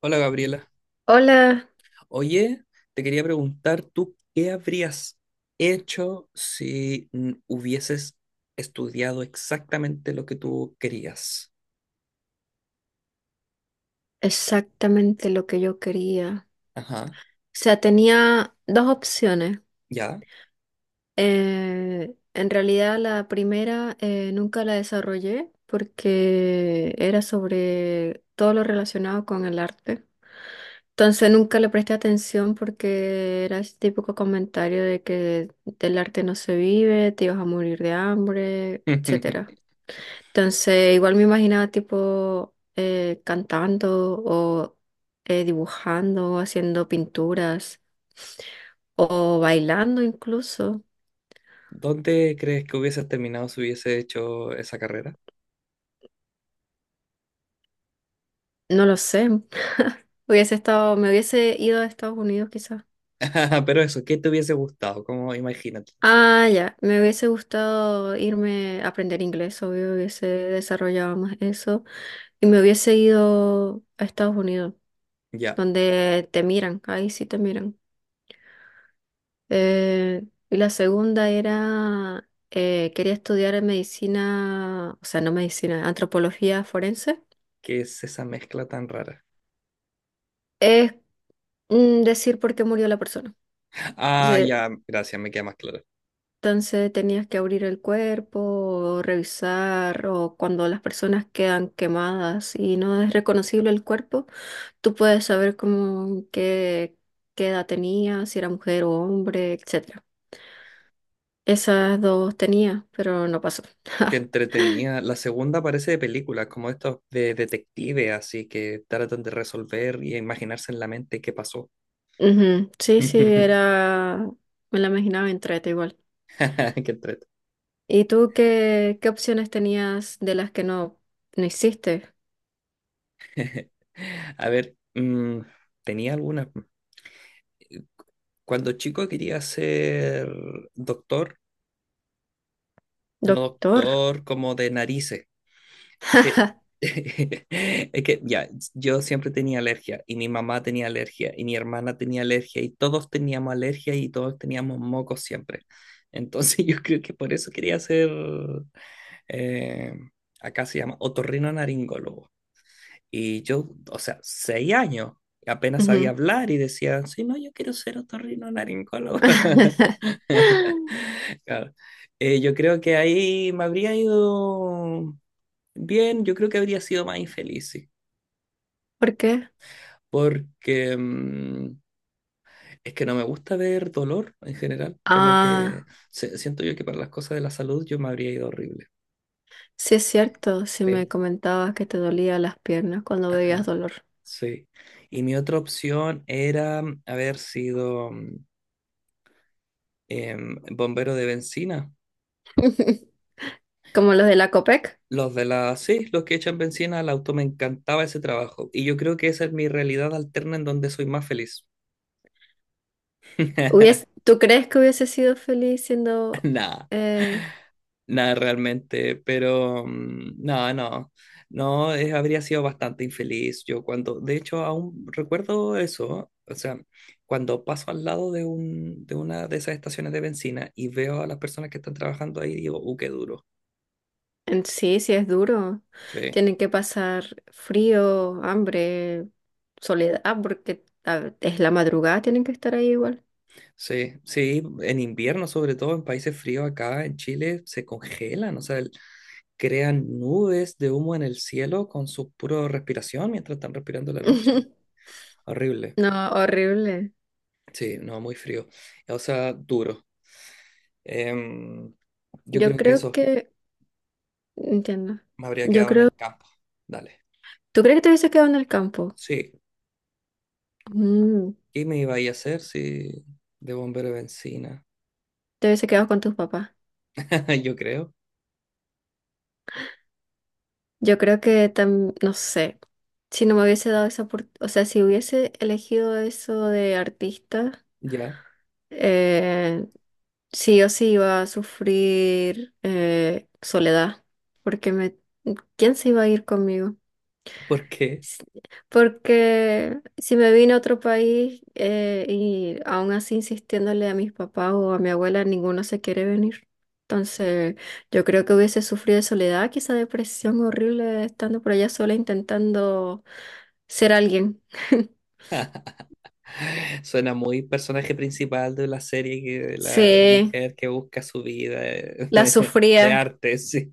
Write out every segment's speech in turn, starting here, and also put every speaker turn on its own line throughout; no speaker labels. Hola Gabriela.
Hola,
Oye, te quería preguntar, ¿tú qué habrías hecho si hubieses estudiado exactamente lo que tú querías?
exactamente lo que yo quería.
Ajá,
O sea, tenía dos opciones.
¿ya?
En realidad la primera nunca la desarrollé porque era sobre todo lo relacionado con el arte. Entonces nunca le presté atención porque era ese típico comentario de que del arte no se vive, te ibas a morir de hambre, etcétera. Entonces, igual me imaginaba tipo cantando o dibujando, haciendo pinturas o bailando incluso.
¿Dónde crees que hubieses terminado si hubiese hecho esa carrera?
No lo sé. Hubiese estado, me hubiese ido a Estados Unidos quizás.
Pero eso, ¿qué te hubiese gustado? Como imagínate.
Ah, ya. Me hubiese gustado irme a aprender inglés, obvio, hubiese desarrollado más eso. Y me hubiese ido a Estados Unidos,
Ya,
donde te miran, ahí sí te miran. Eh, y la segunda era, quería estudiar medicina, o sea, no medicina, antropología forense.
¿qué es esa mezcla tan rara?
Es decir por qué murió la persona.
Ah,
Entonces,
ya, gracias, me queda más claro.
entonces, tenías que abrir el cuerpo, o revisar, o cuando las personas quedan quemadas y no es reconocible el cuerpo, tú puedes saber cómo, qué, qué edad tenía, si era mujer o hombre, etcétera. Esas dos tenía, pero no pasó.
Que entretenía. La segunda parece de películas, como estos de detective, así que tratan de resolver y imaginarse en la mente qué pasó.
Ujú, sí, sí, era, me la imaginaba entrete igual.
Qué entrete.
¿Y tú qué, qué opciones tenías de las que no, no hiciste?
A ver, tenía algunas. Cuando chico quería ser doctor, no
Doctor.
doctor como de narices. Es que, es que ya, yo siempre tenía alergia y mi mamá tenía alergia y mi hermana tenía alergia y todos teníamos alergia y todos teníamos mocos siempre. Entonces yo creo que por eso quería ser, eh, acá se llama otorrinolaringólogo. Y yo, o sea, 6 años, apenas sabía
Ujú.
hablar y decía, sí, no, yo quiero ser otorrinolaringólogo. Claro. Yo creo que ahí me habría ido bien, yo creo que habría sido más infeliz, sí,
¿Por qué?
porque es que no me gusta ver dolor en general, como que
Ah,
siento yo que para las cosas de la salud yo me habría ido horrible.
sí es cierto, sí
Sí,
me comentabas que te dolía las piernas cuando veías dolor.
sí. Y mi otra opción era haber sido bombero de bencina.
Como los de la COPEC.
Los de la, sí, los que echan bencina al auto, me encantaba ese trabajo. Y yo creo que esa es mi realidad alterna en donde soy más feliz.
Hubies- ¿tú crees que hubiese sido feliz siendo
Nah.
eh,
Nada realmente, pero no, no, no, habría sido bastante infeliz yo cuando, de hecho, aún recuerdo eso, o sea, cuando paso al lado de un, de una de esas estaciones de bencina y veo a las personas que están trabajando ahí, digo, qué duro.
en sí, sí es duro.
Sí,
Tienen que pasar frío, hambre, soledad, ah, porque a- es la madrugada, tienen que estar ahí igual.
sí, sí, en invierno, sobre todo en países fríos acá en Chile, se congelan, o sea, crean nubes de humo en el cielo con su pura respiración mientras están respirando en la noche. Horrible.
No, horrible.
Sí, no, muy frío. O sea, duro. Em, yo
Yo
creo que
creo
eso
que, entiendo.
me habría
Yo
quedado en
creo,
el campo. Dale.
¿tú crees que te hubiese quedado en el campo?
Sí.
Mm,
¿Qué me iba a ir a hacer si de bombero de bencina?
te hubiese quedado con tus papás.
Yo creo.
Yo creo que tam- no sé, si no me hubiese dado esa oportunidad, o sea, si hubiese elegido eso de artista,
Ya.
eh, sí o sí iba a sufrir soledad, porque me, ¿quién se iba a ir conmigo?
Porque
S- Porque si me vine a otro país y aún así insistiéndole a mis papás o a mi abuela, ninguno se quiere venir. Entonces, yo creo que hubiese sufrido de soledad, quizá depresión horrible estando por allá sola intentando ser alguien.
suena muy personaje principal de la serie, que, de la
Sí,
mujer que busca su vida
la
de,
sufría
arte, sí.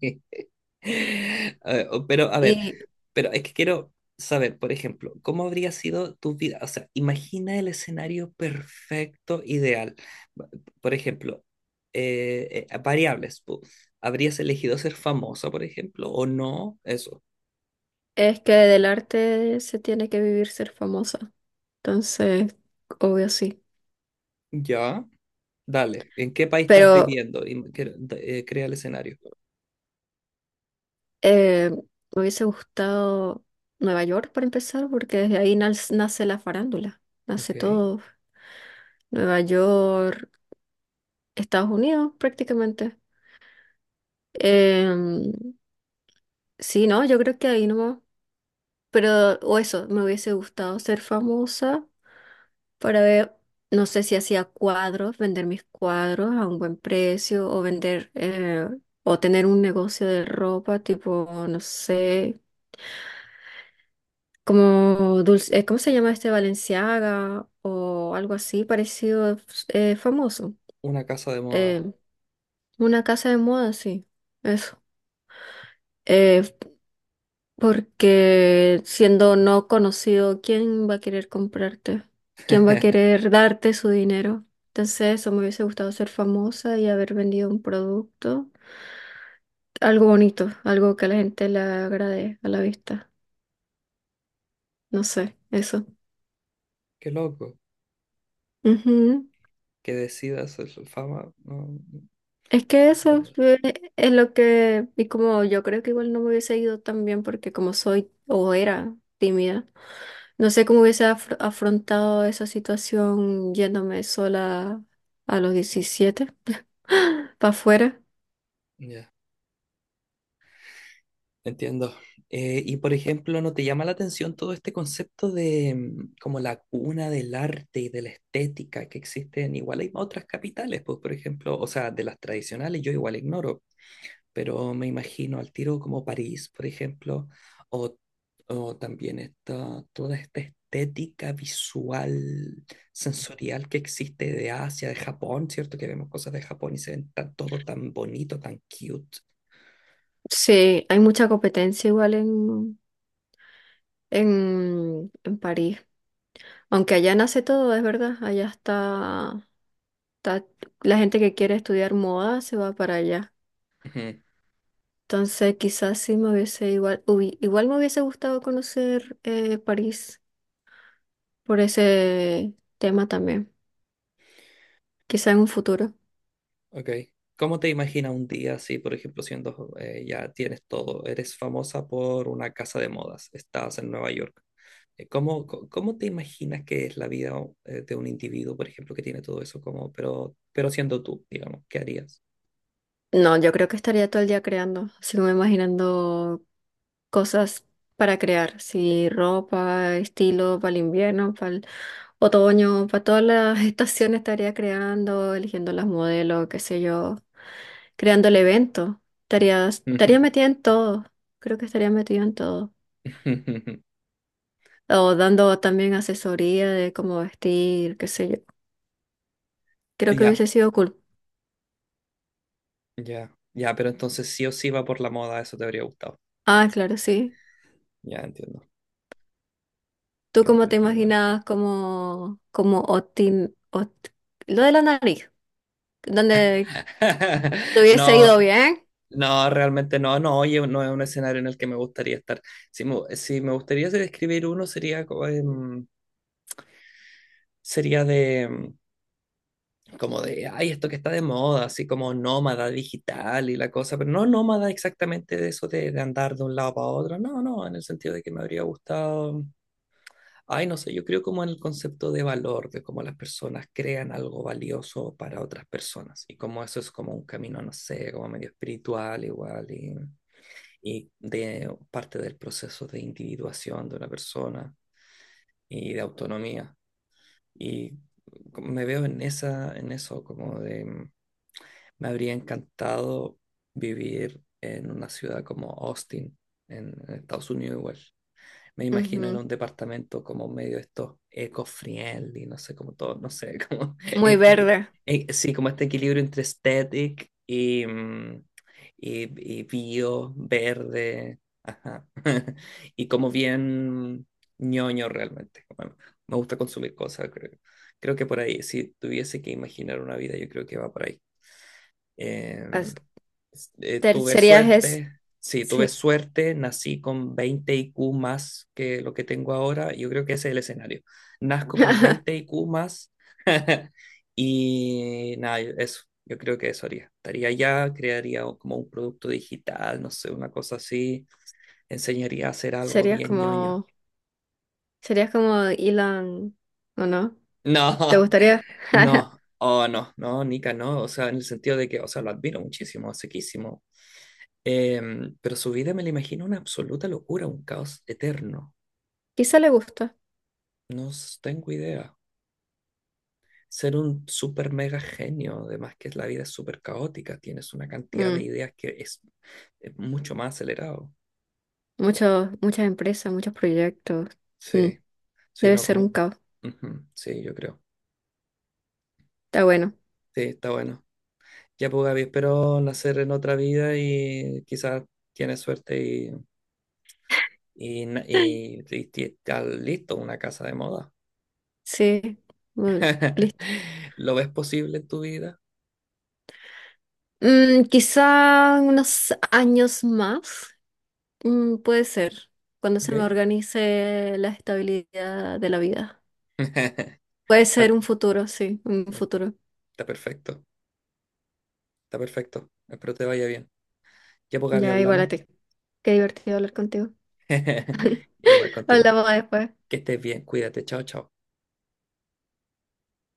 Eh, Pero, a ver,
y
pero es que quiero saber, por ejemplo, ¿cómo habría sido tu vida? O sea, imagina el escenario perfecto, ideal. Va- Por ejemplo, variables. ¿Habrías elegido ser famosa, por ejemplo, o no? Eso.
es que del arte se tiene que vivir ser famosa. Entonces, obvio sí.
Ya. Dale. ¿En qué país estás
Pero
viviendo? Y crea el escenario.
eh, me hubiese gustado Nueva York para empezar, porque desde ahí nas- nace la farándula, nace
Ok.
todo. Nueva York, Estados Unidos prácticamente. Em, sí, no, yo creo que ahí nomás. Pero, o eso, me hubiese gustado ser famosa para ver, no sé si hacía cuadros, vender mis cuadros a un buen precio o vender... o tener un negocio de ropa, tipo, no sé, como dulce, ¿cómo se llama este Balenciaga o algo así parecido famoso?
Una casa de
Eh,
moda.
una casa de moda, sí, eso. Eh, Porque siendo no conocido, ¿quién va a querer comprarte? ¿Quién va a querer darte su dinero? Entonces, eso me hubiese gustado ser famosa y haber vendido un producto, algo bonito, algo que a la gente le agrade a la vista. No sé, eso.
Qué loco. Que decidas ser fama. No, no
Es que
no
eso
entiendo.
fue- es lo que, y como yo creo que igual no me hubiese ido tan bien porque como soy o era tímida, no sé cómo hubiese afr- afrontado esa situación yéndome sola a los 17 para afuera.
Ya. Entiendo. Y por ejemplo, ¿no te llama la atención todo este concepto de como la cuna del arte y de la estética que existe en igual hay otras capitales, pues por ejemplo, o sea, de las tradicionales yo igual ignoro, pero me imagino al tiro como París, por ejemplo, o, o también esta, toda esta estética visual, sensorial que existe de Asia, de Japón, ¿cierto? Que vemos cosas de Japón y se ven tan- todo tan bonito, tan cute.
Sí, hay mucha competencia igual en París. Aunque allá nace todo, es verdad, allá está, está la gente que quiere estudiar moda se va para allá. Entonces, quizás sí me hubiese igual, hubi- igual me hubiese gustado conocer París por ese tema también. Quizás en un futuro.
Ok. ¿Cómo te imaginas un día si, por ejemplo, siendo ya tienes todo, eres famosa por una casa de modas, estás en Nueva York? ¿Cómo, cómo te imaginas que es la vida de un individuo, por ejemplo, que tiene todo eso como, pero siendo tú, digamos, ¿qué harías?
No, yo creo que estaría todo el día creando, así como imaginando cosas para crear, si ropa, estilo para el invierno, para el otoño, para todas las estaciones estaría creando, eligiendo las modelos, qué sé yo, creando el evento. Estaría, estaría
Ujú,
metida en todo. Creo que estaría metida en todo.
ujú. Ujú.
O dando también asesoría de cómo vestir, qué sé yo.
Oh,
Creo que
ya,
hubiese sido cool.
ya, ya, pero entonces sí o sí va por la moda, eso te habría gustado.
Ah, claro, sí.
Ya entiendo.
¿Tú
Que
cómo te
Qué igual.
imaginabas como, como Otin, Ot- lo de la nariz? Donde te hubiese
No,
ido bien.
no, realmente no, no, oye, no es un escenario en el que me gustaría estar. Si me gustaría describir uno sería, sería de, como de, ay, esto que está de moda, así como nómada digital y la cosa, pero no nómada exactamente de eso de andar de un lado para otro, no, no, en el sentido de que me habría gustado. Ay, no sé, yo creo como en el concepto de valor, de cómo las personas crean algo valioso para otras personas y cómo eso es como un camino, no sé, como medio espiritual igual y de parte del proceso de individuación de una persona y de autonomía. Y me veo en esa, en eso, como de, me habría encantado vivir en una ciudad como Austin, en Estados Unidos igual me imagino en
Ujú.
un departamento como medio estos eco-friendly, no sé, como todo, no sé, como,
Muy verde.
sí, como este equilibrio entre aesthetic y bio, verde, ajá, y como bien ñoño realmente. Bueno, me gusta consumir cosas, creo que por ahí, si tuviese que imaginar una vida, yo creo que va por ahí. Eh,
As- ter-
Tuve
serías es,
suerte, sí, tuve
sí.
suerte, nací con 20 IQ más que lo que tengo ahora. Yo creo que ese es el escenario. Nazco con 20 IQ más y nada, eso, yo creo que eso haría. Estaría allá, crearía como un producto digital, no sé, una cosa así, enseñaría a hacer algo
Serías
bien ñoño.
como, serías como Elon, ¿o no?
No,
¿Te gustaría?
no, oh no, no, Nika, no, o sea, en el sentido de que, o sea, lo admiro muchísimo, sequísimo, pero su vida me la imagino una absoluta locura, un caos eterno.
Quizá le gusta.
No tengo idea. Ser un super mega genio, además que la vida es súper caótica, tienes una cantidad de
Mm.
ideas que es mucho más acelerado.
Muchos, muchas empresas, muchos proyectos. Mm.
Sí, sí,
Debe
no,
ser un
como...
caos.
Ujú, sí, yo creo.
Está bueno.
Sí, está bueno. Ya pues Gaby, espero nacer en otra vida y quizás tienes suerte y está listo una casa de moda.
Sí. Bueno, listo.
¿Lo ves posible en tu vida?
Mm, quizá unos años más. Mm, puede ser. Cuando se
¿Ok?
me organice la estabilidad de la vida.
Está,
Puede ser
está
un futuro, sí, un futuro.
perfecto, está perfecto. Espero te vaya bien. Ya pues, Gaby,
Ya, igual a
hablamos.
ti. Qué divertido hablar contigo.
Igual contigo.
Hablamos después.
Que estés bien, cuídate, chao, chao.